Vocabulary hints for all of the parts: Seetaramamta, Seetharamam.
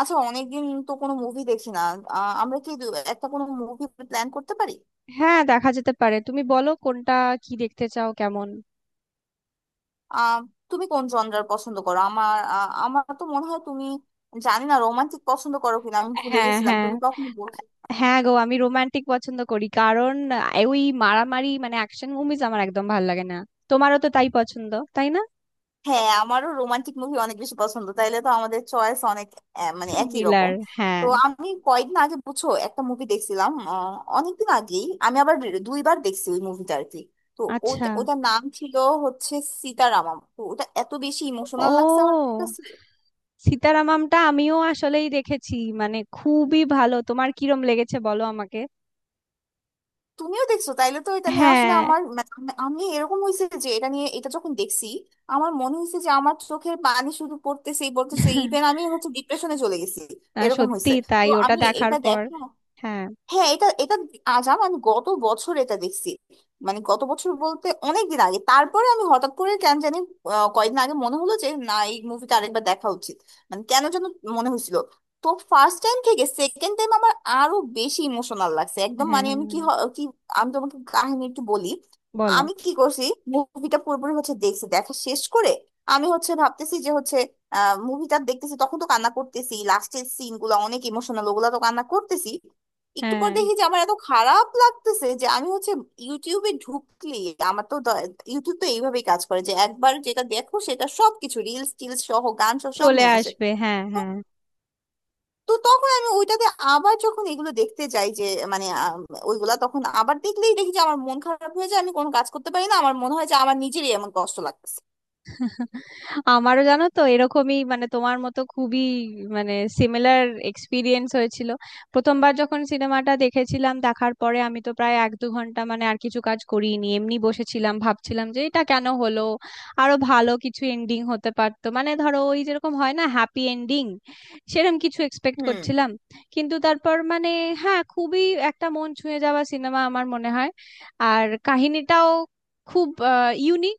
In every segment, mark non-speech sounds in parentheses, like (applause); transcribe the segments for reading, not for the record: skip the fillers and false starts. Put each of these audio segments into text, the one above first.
আচ্ছা, অনেকদিন তো কোনো মুভি দেখি না। আমরা কি একটা কোনো মুভি প্ল্যান করতে পারি? হ্যাঁ, দেখা যেতে পারে। তুমি বলো কোনটা কি দেখতে চাও কেমন। আহ তুমি কোন জনরার পছন্দ করো? আমার আমার তো মনে হয় তুমি, জানি না, রোমান্টিক পছন্দ করো কিনা। আমি ভুলে হ্যাঁ, গেছিলাম হ্যাঁ। তুমি কখনো বলছো। হ্যাঁ গো, আমি রোমান্টিক পছন্দ করি কারণ ওই মারামারি মানে অ্যাকশন মুভিজ আমার একদম ভালো লাগে না। তোমারও তো তাই পছন্দ, তাই না? হ্যাঁ, আমারও রোমান্টিক মুভি অনেক বেশি পছন্দ। তাইলে তো আমাদের চয়েস অনেক মানে একই সিমিলার। রকম। হ্যাঁ। তো আমি কয়েকদিন আগে, বুঝছো, একটা মুভি দেখছিলাম। অনেকদিন আগেই আমি আবার দুইবার দেখছি ওই মুভিটা আর কি। তো আচ্ছা। ওটা, ওটার নাম ছিল হচ্ছে সীতারামম। তো ওটা এত বেশি ইমোশনাল লাগছে আমার ও, কাছে। সীতারামামটা আমিও আসলেই দেখেছি, মানে খুবই ভালো। তোমার কিরম লেগেছে বলো আমাকে। তুমিও দেখছো? তাইলে তো এটা নিয়ে আসলে হ্যাঁ। আমার মানে আমি আমি এরকম হয়েছে যে এটা নিয়ে, এটা যখন দেখছি আমার মনে হয়েছে যে আমার চোখের পানি শুধু পড়তেছেই পড়তেছে, ইভেন আমি হচ্ছে ডিপ্রেশনে চলে গেছি না, এরকম সত্যি হয়েছে। তো তাই, ওটা আমি দেখার এটা, পর। দেখো, হ্যাঁ, হ্যাঁ, এটা এটা আজ আমার, আমি গত বছর এটা দেখছি। মানে গত বছর বলতে অনেক দিন আগে। তারপরে আমি হঠাৎ করে কেন জানি কয়েকদিন আগে মনে হলো যে না, এই মুভিটা আরেকবার দেখা উচিত। মানে কেন যেন মনে হয়েছিল। তো ফার্স্ট টাইম থেকে সেকেন্ড টাইম আমার আরো বেশি ইমোশনাল লাগছে একদম। হ্যাঁ। মানে আমি কি কি, আমি তোমাকে কাহিনী একটু বলি বলো। আমি কি করছি। মুভিটা পুরোপুরি হচ্ছে দেখছি, দেখা শেষ করে আমি হচ্ছে ভাবতেছি যে হচ্ছে মুভিটা দেখতেছি তখন তো কান্না করতেছি। লাস্টের সিন গুলা অনেক ইমোশনাল, ওগুলা তো কান্না করতেছি। একটু পর হ্যাঁ। দেখি যে আমার এত খারাপ লাগতেছে যে আমি হচ্ছে ইউটিউবে ঢুকলি। আমার তো ইউটিউব তো এইভাবেই কাজ করে যে একবার যেটা দেখো সেটা সবকিছু, রিলস টিলস সহ, গান সহ সব চলে নিয়ে আসে। আসবে, হ্যাঁ তো হ্যাঁ। তো তখন আমি ওইটাতে আবার যখন এগুলো দেখতে যাই যে মানে ওইগুলা তখন আবার দেখলেই দেখি যে আমার মন খারাপ হয়ে যায়, আমি কোনো কাজ করতে পারি না, আমার মনে হয় যে আমার নিজেরই এমন কষ্ট লাগতেছে। আমারও জানো তো এরকমই, মানে তোমার মতো খুবই মানে সিমিলার এক্সপিরিয়েন্স হয়েছিল। প্রথমবার যখন সিনেমাটা দেখেছিলাম, দেখার পরে আমি তো প্রায় এক দু ঘন্টা মানে আর কিছু কাজ করিনি, এমনি বসেছিলাম ভাবছিলাম যে এটা কেন হলো। আরো ভালো কিছু এন্ডিং হতে পারতো, মানে ধরো ওই যেরকম হয় না হ্যাপি এন্ডিং, সেরকম কিছু এক্সপেক্ট হুম। করছিলাম। কিন্তু তারপর মানে হ্যাঁ, খুবই একটা মন ছুঁয়ে যাওয়া সিনেমা আমার মনে হয়। আর কাহিনীটাও খুব ইউনিক,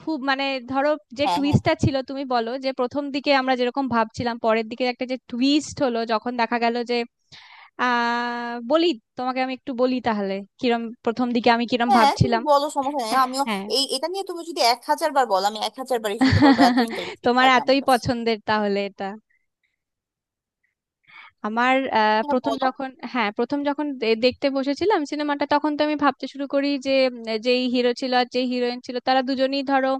খুব মানে ধরো, যে হ্যাঁ, হ্যাঁ, টুইস্টটা ছিল, তুমি বলো যে প্রথম দিকে আমরা যেরকম ভাবছিলাম পরের দিকে একটা যে টুইস্ট হলো যখন দেখা গেল যে আহ বলি, তোমাকে আমি একটু বলি তাহলে কিরম প্রথম দিকে আমি কিরম হ্যাঁ, তুমি ভাবছিলাম। বলো, সমস্যা নেই। আমিও হ্যাঁ। এই, এটা নিয়ে তুমি যদি এক হাজার বার বলো আমি এক হাজার বারই শুনতে পারবো, এত (laughs) ইন্টারেস্টিং তোমার লাগে আমার এতই কাছে। পছন্দের তাহলে এটা। আমার হ্যাঁ, প্রথম বলো। যখন, হ্যাঁ, প্রথম যখন দেখতে বসেছিলাম সিনেমাটা, তখন তো আমি ভাবতে শুরু করি যে যেই হিরো ছিল আর যেই হিরোইন ছিল তারা দুজনেই ধরো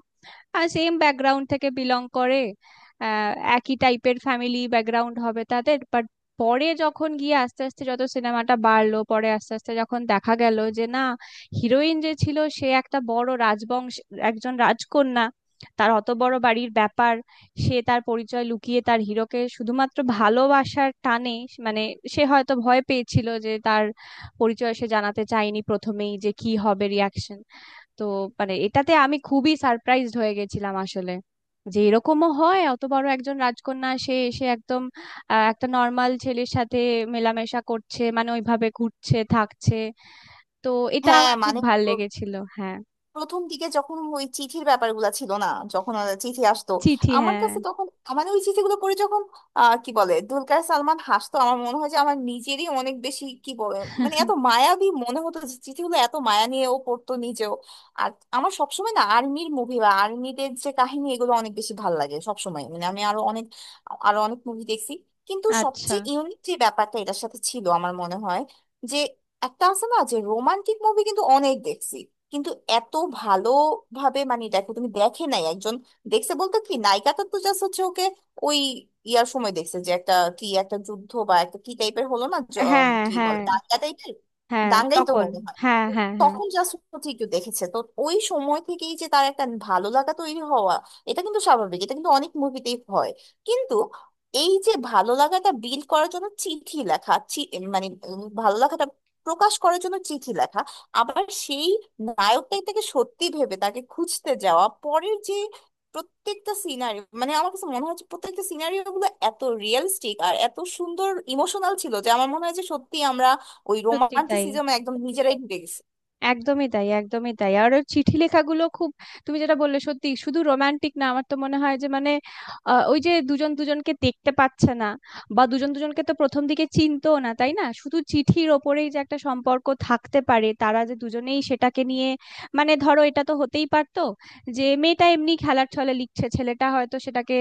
সেম ব্যাকগ্রাউন্ড থেকে বিলং করে, আহ, একই টাইপের ফ্যামিলি ব্যাকগ্রাউন্ড হবে তাদের। বাট পরে যখন গিয়ে আস্তে আস্তে যত সিনেমাটা বাড়লো, পরে আস্তে আস্তে যখন দেখা গেল যে না, হিরোইন যে ছিল সে একটা বড় রাজবংশ, একজন রাজকন্যা, তার অত বড় বাড়ির ব্যাপার। সে তার পরিচয় লুকিয়ে তার হিরোকে শুধুমাত্র ভালোবাসার টানে মানে সে হয়তো ভয় পেয়েছিল যে তার পরিচয় সে জানাতে চায়নি প্রথমেই, যে কি হবে রিয়াকশন। তো মানে এটাতে আমি খুবই সারপ্রাইজড হয়ে গেছিলাম আসলে, যে এরকমও হয় অত বড় একজন রাজকন্যা সে এসে একদম একটা নর্মাল ছেলের সাথে মেলামেশা করছে, মানে ওইভাবে ঘুরছে থাকছে। তো এটা হ্যাঁ আমার খুব মানে ভাল লেগেছিল, হ্যাঁ। প্রথম দিকে যখন ওই চিঠির ব্যাপারগুলো ছিল না, যখন চিঠি আসতো চিঠি, আমার হ্যাঁ। কাছে, তখন মানে ওই চিঠিগুলো পড়ে যখন কি বলে, দুলকার সালমান হাসতো, আমার মনে হয় যে আমার নিজেরই অনেক বেশি কি বলে, মানে এত মায়াবী মনে হতো যে চিঠিগুলো এত মায়া নিয়ে ও পড়তো নিজেও। আর আমার সবসময় না আর্মির মুভি বা আর্মিদের যে কাহিনী, এগুলো অনেক বেশি ভাল লাগে সবসময়। মানে আমি আরো অনেক, আরো অনেক মুভি দেখছি, কিন্তু আচ্ছা। সবচেয়ে ইউনিক যে ব্যাপারটা এটার সাথে ছিল আমার মনে হয় যে একটা আছে না যে রোমান্টিক মুভি কিন্তু অনেক দেখছি, কিন্তু এত ভালোভাবে মানে দেখো তুমি দেখে নাই একজন, দেখছে বলতে কি নায়িকাটা তো জাস্ট হচ্ছে ওকে ওই ইয়ার সময় দেখছে যে একটা, কি একটা যুদ্ধ বা একটা কি টাইপের হলো না, হ্যাঁ কি হ্যাঁ বলে, দাঙ্গা টাইপের, হ্যাঁ। দাঙ্গাই তো তখন মনে হয়। হ্যাঁ হ্যাঁ হ্যাঁ। তখন জাস্ট হচ্ছে একটু দেখেছে তো। ওই সময় থেকেই যে তার একটা ভালো লাগা তৈরি হওয়া, এটা কিন্তু স্বাভাবিক, এটা কিন্তু অনেক মুভিতেই হয়। কিন্তু এই যে ভালো লাগাটা বিল্ড করার জন্য চিঠি লেখা, ভালো লাগাটা প্রকাশ করার জন্য চিঠি লেখা, আবার সেই নায়কটাই তাকে সত্যি ভেবে তাকে খুঁজতে যাওয়া, পরের যে প্রত্যেকটা সিনারিও, মানে আমার কাছে মনে হচ্ছে প্রত্যেকটা সিনারিও গুলো এত রিয়েলিস্টিক আর এত সুন্দর ইমোশনাল ছিল যে আমার মনে হয় যে সত্যি আমরা ওই সত্যি তাই। রোমান্টিসিজমে একদম নিজেরাই ঢুকে গেছি। একদমই তাই, একদমই তাই। আর ওর চিঠি লেখাগুলো খুব, তুমি যেটা বললে সত্যি শুধু রোমান্টিক না। আমার তো মনে হয় যে মানে ওই যে দুজন দুজনকে দেখতে পাচ্ছে না বা দুজন দুজনকে তো প্রথম দিকে চিনতো না তাই না, শুধু চিঠির ওপরেই যে একটা সম্পর্ক থাকতে পারে তারা যে দুজনেই সেটাকে নিয়ে মানে ধরো এটা তো হতেই পারতো যে মেয়েটা এমনি খেলার ছলে লিখছে ছেলেটা হয়তো সেটাকে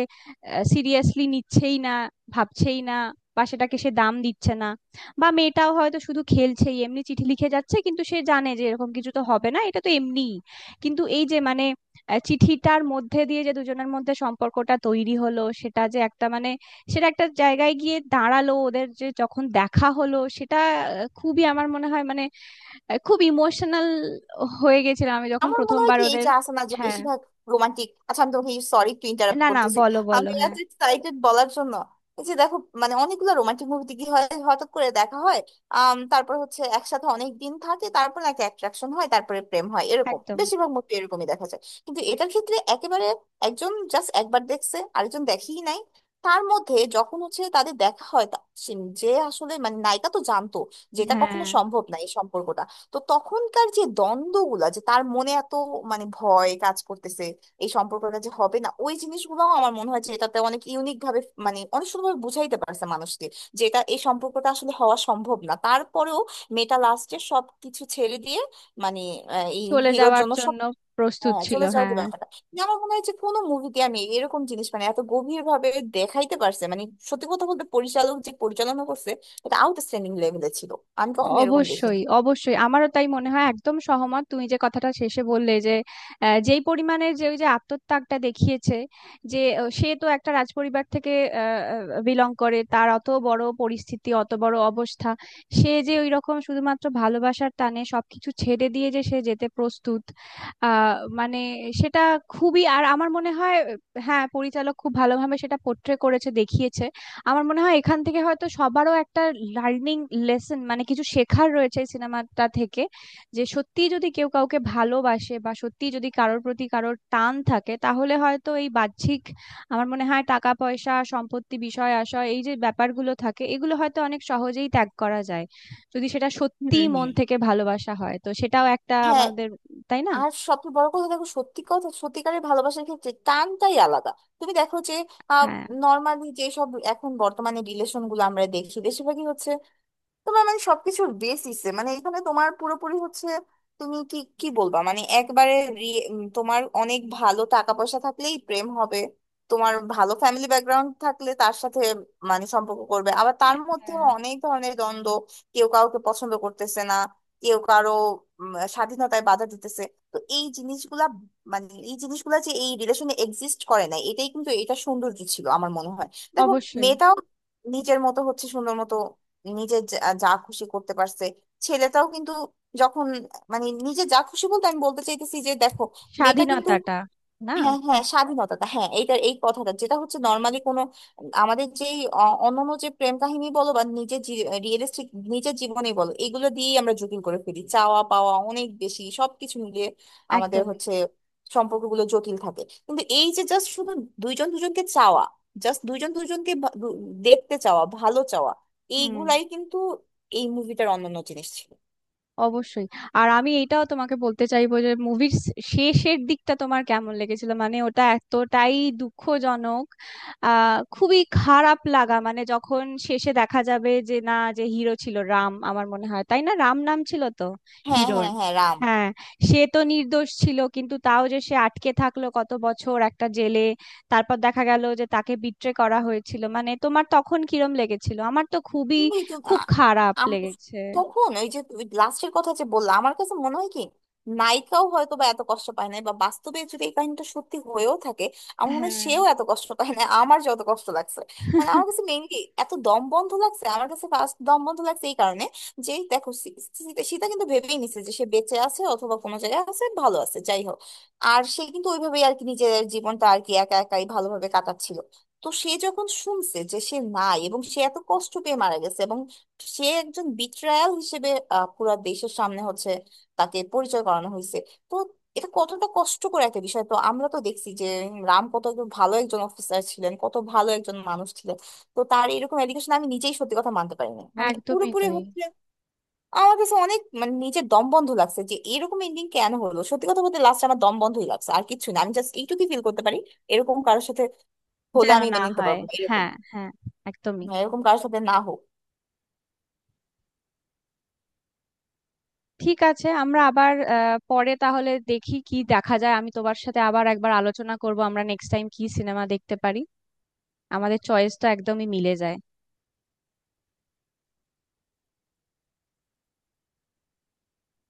সিরিয়াসলি নিচ্ছেই না, ভাবছেই না, বা সেটাকে সে দাম দিচ্ছে না, বা মেয়েটাও হয়তো শুধু খেলছেই এমনি চিঠি লিখে যাচ্ছে কিন্তু সে জানে যে এরকম কিছু তো হবে না, এটা তো এমনিই। কিন্তু এই যে মানে চিঠিটার মধ্যে দিয়ে যে দুজনের মধ্যে সম্পর্কটা তৈরি হলো সেটা যে একটা মানে সেটা একটা জায়গায় গিয়ে দাঁড়ালো ওদের যে যখন দেখা হলো সেটা খুবই আমার মনে হয় মানে খুব ইমোশনাল হয়ে গেছিলাম আমি যখন আমার মনে হয় প্রথমবার কি, এই ওদের। যে আছে না যে হ্যাঁ। বেশিরভাগ রোমান্টিক, আচ্ছা আমি তোমাকে সরি একটু ইন্টারাপ্ট না না, করতেছি, বলো বলো, আমি এত হ্যাঁ। এক্সাইটেড বলার জন্য। এই যে দেখো, মানে অনেকগুলো রোমান্টিক মুভিতে কি হয়, হঠাৎ করে দেখা হয়, তারপর হচ্ছে একসাথে অনেক দিন থাকে, তারপর একটা অ্যাট্রাকশন হয়, তারপরে প্রেম হয়, এরকম একদম। বেশিরভাগ মুভি এরকমই দেখা যায়। কিন্তু এটার ক্ষেত্রে একেবারে একজন জাস্ট একবার দেখছে, আরেকজন দেখেই নাই। তার মধ্যে যখন হচ্ছে তাদের দেখা হয়, যে আসলে মানে নায়িকা তো জানতো যেটা কখনো হ্যাঁ, সম্ভব না এই সম্পর্কটা। তো তখনকার যে দ্বন্দ্বগুলা, যে তার মনে এত মানে ভয় কাজ করতেছে এই সম্পর্কটা যে হবে না, ওই জিনিসগুলো আমার মনে হয় যে এটাতে অনেক ইউনিক ভাবে, মানে অনেক সুন্দরভাবে বুঝাইতে পারছে মানুষকে যে এটা, এই সম্পর্কটা আসলে হওয়া সম্ভব না। তারপরেও মেয়েটা লাস্টে সবকিছু ছেড়ে দিয়ে মানে এই চলে হিরোর যাওয়ার জন্য সব, জন্য প্রস্তুত হ্যাঁ, ছিল, চলে যাওয়ার যে হ্যাঁ। ব্যাপারটা, কিন্তু আমার মনে হয় যে কোনো মুভিতে আমি এরকম জিনিস মানে এত গভীর ভাবে দেখাইতে পারছে। মানে সত্যি কথা বলতে পরিচালক যে পরিচালনা করছে, এটা আউটস্ট্যান্ডিং লেভেলে ছিল। আমি কখনো এরকম অবশ্যই দেখিনি। অবশ্যই, আমারও তাই মনে হয়, একদম সহমত। তুমি যে কথাটা শেষে বললে যে যেই পরিমাণে যে ওই যে আত্মত্যাগটা দেখিয়েছে, যে সে তো একটা রাজপরিবার থেকে বিলং করে, তার অত বড় পরিস্থিতি অত বড় অবস্থা, সে যে ওই রকম শুধুমাত্র ভালোবাসার টানে সবকিছু ছেড়ে দিয়ে যে সে যেতে প্রস্তুত। আহ মানে সেটা খুবই। আর আমার মনে হয় হ্যাঁ, পরিচালক খুব ভালোভাবে সেটা পোট্রে করেছে দেখিয়েছে। আমার মনে হয় এখান থেকে হয়তো সবারও একটা লার্নিং লেসন মানে কিছু শেখার রয়েছে এই সিনেমাটা থেকে। যে সত্যি যদি কেউ কাউকে ভালোবাসে বা সত্যি যদি কারোর প্রতি কারোর টান থাকে তাহলে হয়তো এই বাহ্যিক আমার মনে হয় টাকা পয়সা সম্পত্তি বিষয় আশয় এই যে ব্যাপারগুলো থাকে এগুলো হয়তো অনেক সহজেই ত্যাগ করা যায় যদি সেটা হুম, সত্যি মন হুম। থেকে ভালোবাসা হয় তো সেটাও একটা হ্যাঁ, আমাদের, তাই না? আর সবচেয়ে বড় কথা, দেখো সত্যি কথা, সত্যিকারের ভালোবাসার ক্ষেত্রে টানটাই আলাদা। তুমি দেখো যে হ্যাঁ, নর্মালি যেসব এখন বর্তমানে রিলেশন গুলো আমরা দেখি, বেশিরভাগই হচ্ছে তোমার মানে সবকিছুর বেসিসে, মানে এখানে তোমার পুরোপুরি হচ্ছে তুমি কি কি বলবা, মানে একবারে তোমার অনেক ভালো টাকা পয়সা থাকলেই প্রেম হবে, তোমার ভালো ফ্যামিলি ব্যাকগ্রাউন্ড থাকলে তার সাথে মানে সম্পর্ক করবে, আবার তার মধ্যেও হ্যাঁ। অনেক ধরনের দ্বন্দ্ব, কেউ কাউকে পছন্দ করতেছে না, কেউ কারো স্বাধীনতায় বাধা দিতেছে। তো এই জিনিসগুলা, মানে এই জিনিসগুলা যে এই রিলেশনে এক্সিস্ট করে না, এটাই কিন্তু এটা সৌন্দর্য ছিল আমার মনে হয়। দেখো অবশ্যই। মেয়েটাও নিজের মতো হচ্ছে সুন্দর মতো নিজে যা যা খুশি করতে পারছে, ছেলেটাও কিন্তু যখন, মানে নিজে যা খুশি বলতে আমি বলতে চাইতেছি যে দেখো মেয়েটা কিন্তু, স্বাধীনতাটা। না। হ্যাঁ হ্যাঁ, স্বাধীনতাটা হ্যাঁ, এইটার এই কথাটা যেটা হচ্ছে, নর্মালি কোনো আমাদের যেই অন্যান্য যে প্রেম কাহিনী বলো বা নিজের রিয়েলিস্টিক নিজের জীবনে বলো, এগুলো দিয়েই আমরা জটিল করে ফেলি, চাওয়া পাওয়া অনেক বেশি, সবকিছু মিলিয়ে আমাদের একদমই। হচ্ছে সম্পর্কগুলো জটিল থাকে। কিন্তু এই যে জাস্ট শুধু দুইজন দুজনকে চাওয়া, জাস্ট দুইজন দুজনকে দেখতে চাওয়া, ভালো চাওয়া, হুম। এইগুলাই কিন্তু এই মুভিটার অন্যান্য জিনিস ছিল। অবশ্যই। আর আমি এটাও তোমাকে বলতে চাইবো যে মুভির শেষের দিকটা তোমার কেমন লেগেছিল, মানে ওটা এতটাই দুঃখজনক আহ খুবই খারাপ লাগা, মানে যখন শেষে দেখা যাবে যে না, যে হিরো ছিল রাম, আমার মনে হয় তাই না, রাম নাম ছিল তো হ্যাঁ হিরোর, হ্যাঁ হ্যাঁ, রাম। হ্যাঁ। সে তো নির্দোষ ছিল কিন্তু তাও যে সে আটকে থাকলো কত বছর একটা জেলে, তারপর দেখা গেল যে তাকে বিট্রে করা হয়েছিল, মানে তোমার তখন কিরম লেগেছিল আমার তো খুবই, এই তো খুব আ- খারাপ আম- লেগেছে। তখন ওই যে লাস্টের কথা যে বললাম, আমার কাছে মনে হয় কি, নায়িকাও হয়তো বা এত কষ্ট পায় নাই, বা বাস্তবে যদি এই কাহিনীটা সত্যি হয়েও থাকে আমার মনে হয় হ্যাঁ। সেও এত কষ্ট পায় না আমার যত কষ্ট লাগছে। মানে আমার কাছে মেইনলি এত দম বন্ধ লাগছে, আমার কাছে ফার্স্ট দম বন্ধ লাগছে এই কারণে যে, দেখো সীতা, সীতা কিন্তু ভেবেই নিছে যে সে বেঁচে আছে, অথবা কোনো জায়গায় আছে, ভালো আছে, যাই হোক। আর সে কিন্তু ওইভাবেই আর কি নিজের জীবনটা আর কি একা একাই ভালোভাবে কাটাচ্ছিল। তো সে যখন শুনছে যে সে নাই এবং সে এত কষ্ট পেয়ে মারা গেছে, এবং সে একজন বিট্রায়াল হিসেবে পুরা দেশের সামনে হচ্ছে তাকে পরিচয় করানো হয়েছে, তো এটা কতটা কষ্টকর একটা বিষয়। তো আমরা তো দেখছি যে রাম কত একজন ভালো একজন অফিসার ছিলেন, কত ভালো একজন মানুষ ছিলেন। তো তার এরকম এলিগেশন আমি নিজেই সত্যি কথা মানতে পারিনি, মানে একদমই পুরোপুরি তাই, হচ্ছে আমার কাছে অনেক, মানে নিজের দম বন্ধ লাগছে যে এরকম এন্ডিং কেন হলো। সত্যি কথা বলতে লাস্ট আমার দম বন্ধই লাগছে, আর কিছু না, আমি জাস্ট এইটুকুই ফিল করতে পারি। এরকম কারোর সাথে হলে যেন আমি না মেনে নিতে হয়। পারবো এরকম, হ্যাঁ হ্যাঁ, একদমই। হ্যাঁ, এরকম কারোর সাথে না হোক। ঠিক আছে, আমরা আবার পরে তাহলে দেখি কি দেখা যায়, আমি তোমার সাথে আবার একবার আলোচনা করব আমরা নেক্সট টাইম কি সিনেমা দেখতে পারি। আমাদের চয়েস তো একদমই মিলে যায়।